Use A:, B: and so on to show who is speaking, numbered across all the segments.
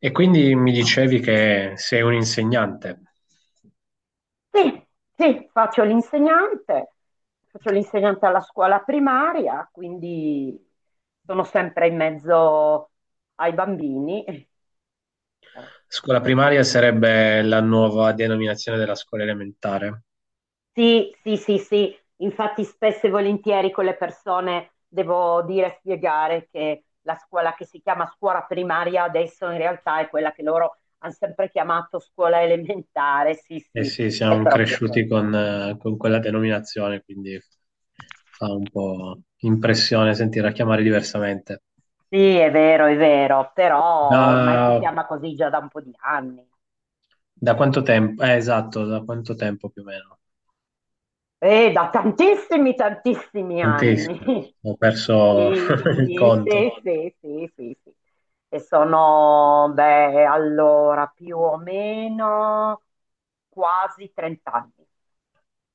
A: E quindi mi dicevi che sei un insegnante.
B: Sì, sì, faccio l'insegnante alla scuola primaria, quindi sono sempre in mezzo ai bambini.
A: Scuola primaria sarebbe la nuova denominazione della scuola elementare.
B: Sì, sì, sì, sì, infatti spesso e volentieri con le persone devo dire, spiegare che la scuola che si chiama scuola primaria adesso in realtà è quella che loro hanno sempre chiamato scuola elementare, sì,
A: E
B: sì,
A: sì,
B: è
A: siamo
B: proprio
A: cresciuti
B: quella.
A: con quella denominazione, quindi fa un po' impressione sentirla chiamare diversamente.
B: Sì, è vero, però ormai si
A: Da,
B: chiama così già da un po' di anni.
A: da quanto tempo? Esatto, da quanto tempo più o meno?
B: Da tantissimi, tantissimi anni.
A: Tantissimo. Ho perso
B: Sì,
A: il
B: sì,
A: conto.
B: sì, sì, sì, sì, sì. E sono, beh, allora, più o meno quasi 30 anni.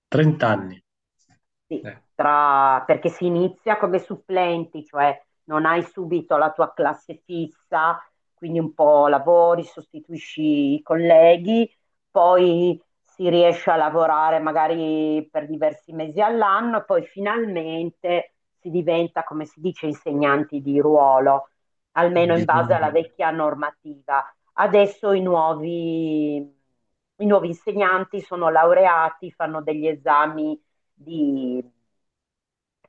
A: 30 anni.
B: Sì,
A: Eh,
B: perché si inizia come supplenti, cioè non hai subito la tua classe fissa, quindi un po' lavori, sostituisci i colleghi, poi si riesce a lavorare magari per diversi mesi all'anno e poi finalmente si diventa, come si dice, insegnanti di ruolo, almeno in base
A: bisogna...
B: alla vecchia normativa. Adesso i nuovi insegnanti sono laureati, fanno degli esami di-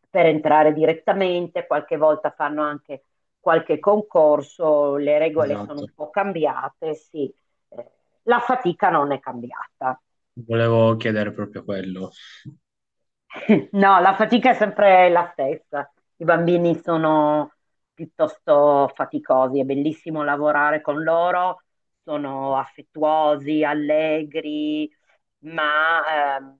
B: per entrare direttamente, qualche volta fanno anche qualche concorso, le regole sono un
A: Esatto.
B: po' cambiate, sì, eh, la fatica non è cambiata.
A: Volevo chiedere proprio quello.
B: No, la fatica è sempre la stessa. I bambini sono piuttosto faticosi, è bellissimo lavorare con loro, sono affettuosi, allegri, ma ehm,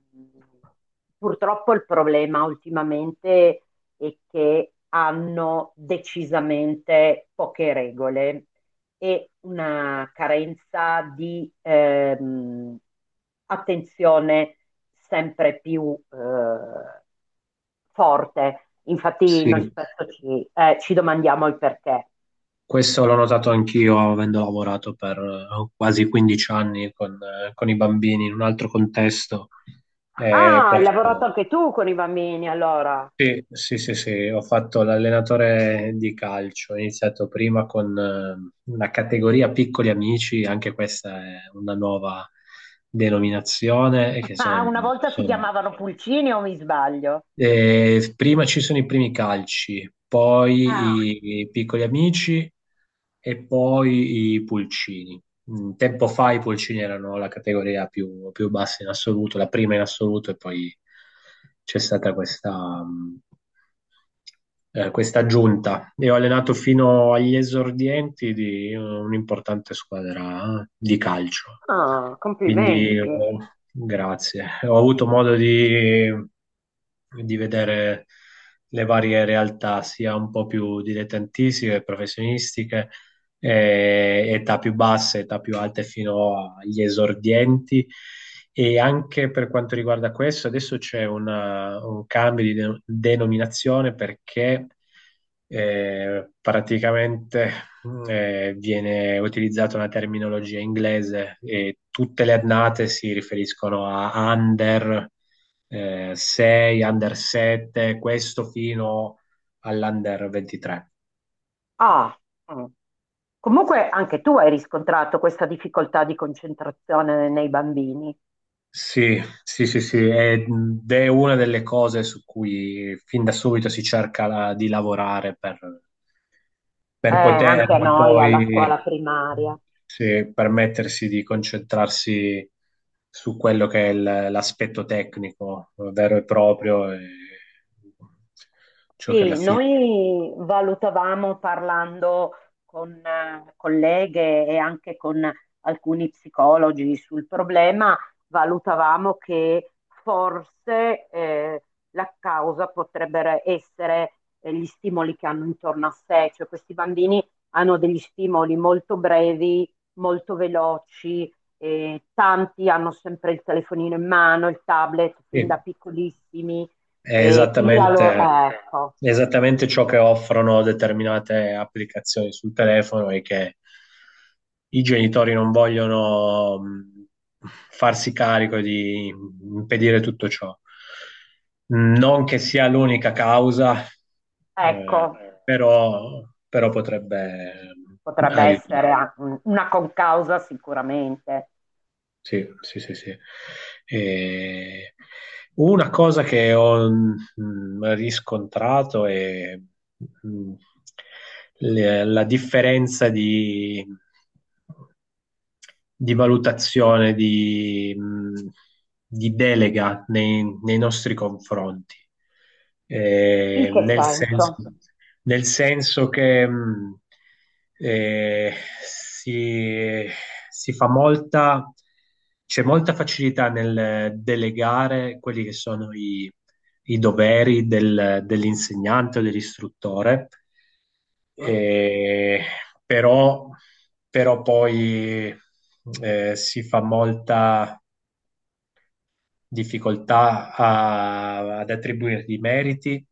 B: purtroppo il problema ultimamente è che hanno decisamente poche regole e una carenza di attenzione sempre più forte. Infatti noi
A: Sì,
B: spesso ci domandiamo il perché.
A: questo l'ho notato anch'io avendo lavorato per quasi 15 anni con i bambini in un altro contesto. Eh,
B: Ah, hai lavorato
A: posso-
B: anche tu con i bambini allora?
A: Sì, sì, sì, sì, ho fatto l'allenatore di calcio, ho iniziato prima con una categoria piccoli amici, anche questa è una nuova denominazione, e che
B: Ah, una volta si
A: sono-
B: chiamavano pulcini o mi sbaglio?
A: prima ci sono i primi calci,
B: Ah,
A: poi i piccoli amici e poi i pulcini. Mm, tempo fa i pulcini erano la categoria più bassa in assoluto, la prima in assoluto, e poi c'è stata questa, questa giunta. E ho allenato fino agli esordienti di un'importante squadra di calcio.
B: ah,
A: Quindi,
B: complimenti.
A: oh, grazie. Ho avuto modo di vedere le varie realtà, sia un po' più dilettantistiche, professionistiche, età più basse, età più alte fino agli esordienti. E anche per quanto riguarda questo, adesso c'è un cambio di denominazione perché praticamente viene utilizzata una terminologia inglese e tutte le annate si riferiscono a under 6, under 7, questo fino all'under 23.
B: Ah, mm. Comunque anche tu hai riscontrato questa difficoltà di concentrazione nei bambini.
A: Sì, sì, sì, sì, ed è una delle cose su cui fin da subito si cerca di lavorare per poter
B: Anche a noi alla scuola
A: poi
B: primaria.
A: sì, permettersi di concentrarsi su quello che è l'aspetto tecnico vero e proprio, e ciò che alla
B: Sì,
A: fine...
B: noi valutavamo parlando con colleghe e anche con alcuni psicologi sul problema, valutavamo che forse la causa potrebbero essere gli stimoli che hanno intorno a sé, cioè questi bambini hanno degli stimoli molto brevi, molto veloci, tanti hanno sempre il telefonino in mano, il tablet fin
A: Sì.
B: da piccolissimi,
A: È
B: e quindi la loro...
A: esattamente,
B: ecco.
A: esattamente ciò che offrono determinate applicazioni sul telefono e che i genitori non vogliono farsi carico di impedire tutto ciò. Non che sia l'unica causa,
B: Ecco,
A: eh, però, però potrebbe
B: potrebbe
A: aiutare.
B: essere una concausa sicuramente.
A: Sì, sì, sì, sì. E una cosa che ho riscontrato è mm, la differenza di valutazione, di delega nei nostri confronti.
B: In
A: Eh,
B: che
A: nel senso,
B: senso?
A: nel senso che eh, si, si fa c'è molta facilità nel delegare quelli che sono i doveri dell'insegnante o dell'istruttore,
B: Sì.
A: eh, però però poi si fa molta difficoltà ad attribuirgli i meriti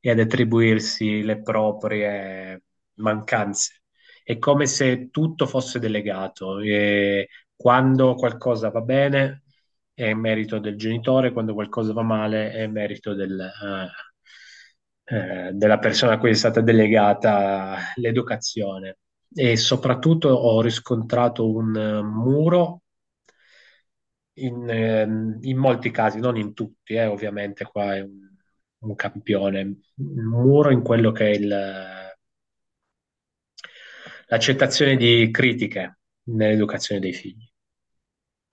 A: e ad attribuirsi le proprie mancanze. È come se tutto fosse delegato e quando qualcosa va bene è merito del genitore, quando qualcosa va male è merito della persona a cui è stata delegata l'educazione. E soprattutto ho riscontrato un muro in molti casi, non in tutti, ovviamente qua è un campione, un muro in quello che è l'accettazione di critiche nell'educazione dei figli.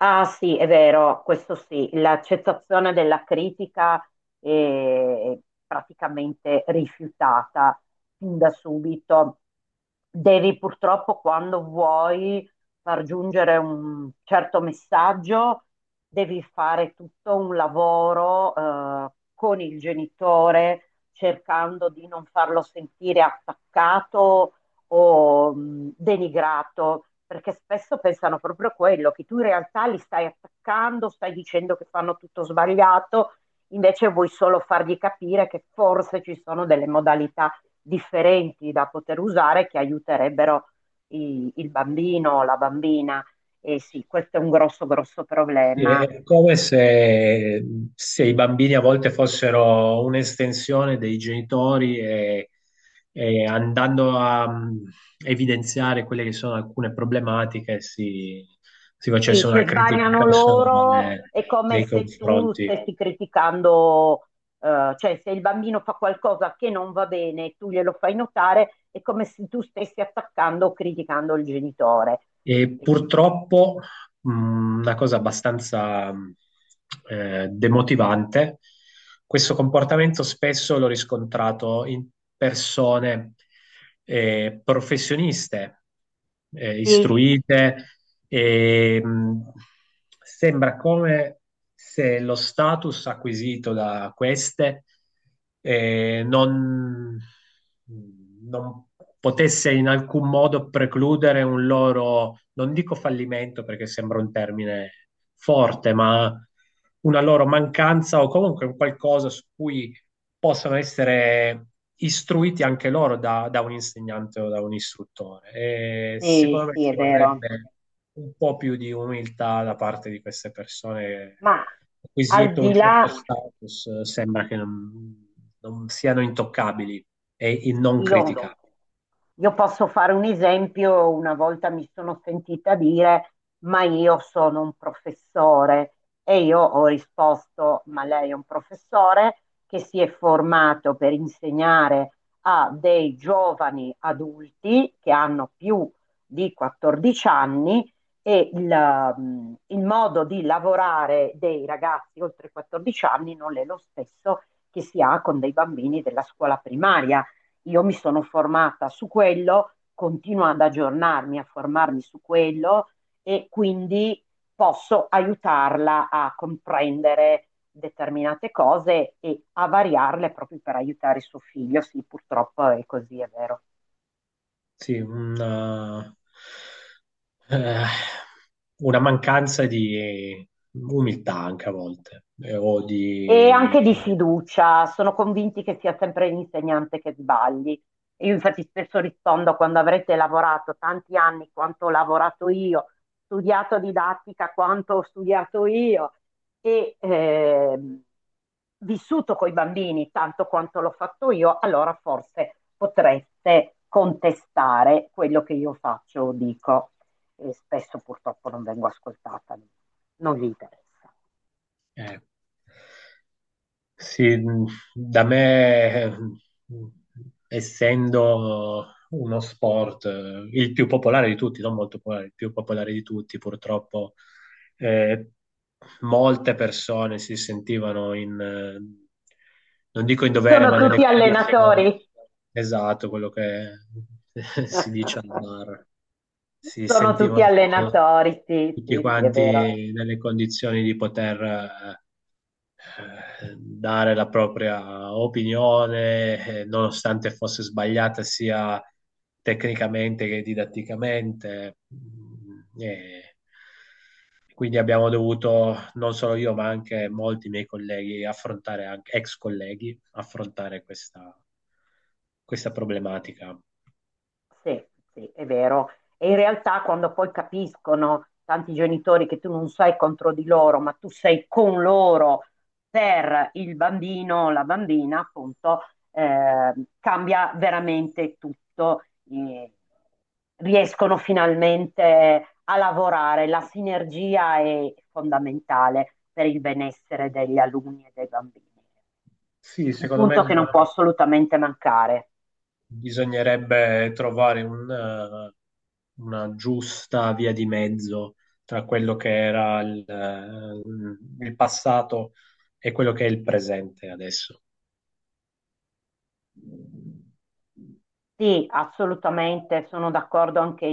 B: Ah sì, è vero, questo sì, l'accettazione della critica è praticamente rifiutata fin da subito. Devi purtroppo, quando vuoi far giungere un certo messaggio, devi fare tutto un lavoro con il genitore, cercando di non farlo sentire attaccato o denigrato, perché spesso pensano proprio a quello, che tu in realtà li stai attaccando, stai dicendo che fanno tutto sbagliato, invece vuoi solo fargli capire che forse ci sono delle modalità differenti da poter usare che aiuterebbero il bambino o la bambina. E sì, questo è un grosso, grosso
A: Sì,
B: problema.
A: è come se i bambini a volte fossero un'estensione dei genitori e andando a evidenziare quelle che sono alcune problematiche si
B: Sì,
A: facesse una
B: se
A: critica
B: sbagliano loro
A: personale
B: è come
A: nei
B: se tu
A: confronti.
B: stessi criticando, cioè se il bambino fa qualcosa che non va bene, tu glielo fai notare, è come se tu stessi attaccando o criticando il genitore.
A: E purtroppo una cosa abbastanza demotivante, questo comportamento spesso l'ho riscontrato in persone professioniste,
B: Sì,
A: istruite, e, mh, sembra come se lo status acquisito da queste eh, non, non potesse in alcun modo precludere un loro, non dico fallimento perché sembra un termine forte, ma una loro mancanza o comunque un qualcosa su cui possano essere istruiti anche loro da un insegnante o da un istruttore. E
B: sì,
A: secondo me
B: sì,
A: ci
B: è vero.
A: vorrebbe un po' più di umiltà da parte di queste persone.
B: Ma al
A: Acquisito
B: di
A: un
B: là.
A: certo status, sembra che non siano intoccabili e non
B: Io, no.
A: criticabili.
B: Io posso fare un esempio, una volta mi sono sentita dire, ma io sono un professore, e io ho risposto, ma lei è un professore che si è formato per insegnare a dei giovani adulti che hanno più di 14 anni e il modo di lavorare dei ragazzi oltre 14 anni non è lo stesso che si ha con dei bambini della scuola primaria. Io mi sono formata su quello, continuo ad aggiornarmi, a formarmi su quello e quindi posso aiutarla a comprendere determinate cose e a variarle proprio per aiutare suo figlio. Sì, purtroppo è così, è vero.
A: Sì, Eh, una mancanza di umiltà anche a volte, o
B: E
A: di...
B: anche di fiducia, sono convinti che sia sempre l'insegnante che sbagli. Io infatti spesso rispondo quando avrete lavorato tanti anni quanto ho lavorato io, studiato didattica quanto ho studiato io e vissuto con i bambini tanto quanto l'ho fatto io, allora forse potreste contestare quello che io faccio o dico. E spesso purtroppo non vengo ascoltata, non vi interessa.
A: Eh, sì, da me, essendo uno sport, il più popolare di tutti, non molto popolare, il più popolare di tutti, purtroppo eh, molte persone si sentivano in, non dico in dovere,
B: Sono
A: ma
B: tutti
A: nelle condizioni,
B: allenatori.
A: esatto, quello che si dice al bar. Si
B: Sono tutti
A: sentivano
B: allenatori, sì,
A: tutti
B: sì, sì, è vero.
A: quanti nelle condizioni di poter dare la propria opinione, nonostante fosse sbagliata sia tecnicamente che didatticamente. Mm, e quindi abbiamo dovuto, non solo io, ma anche molti miei colleghi, affrontare, anche, ex colleghi, affrontare questa problematica.
B: Sì, sì, è vero. E in realtà quando poi capiscono tanti genitori che tu non sei contro di loro, ma tu sei con loro per il bambino o la bambina, appunto, eh, cambia veramente tutto. Eh, riescono finalmente a lavorare. La sinergia è fondamentale per il benessere degli alunni e dei bambini.
A: Sì,
B: Un
A: secondo me
B: punto che non può assolutamente mancare.
A: bisognerebbe trovare una giusta via di mezzo tra quello che era il passato e quello che è il presente adesso.
B: Sì, assolutamente, sono d'accordo anche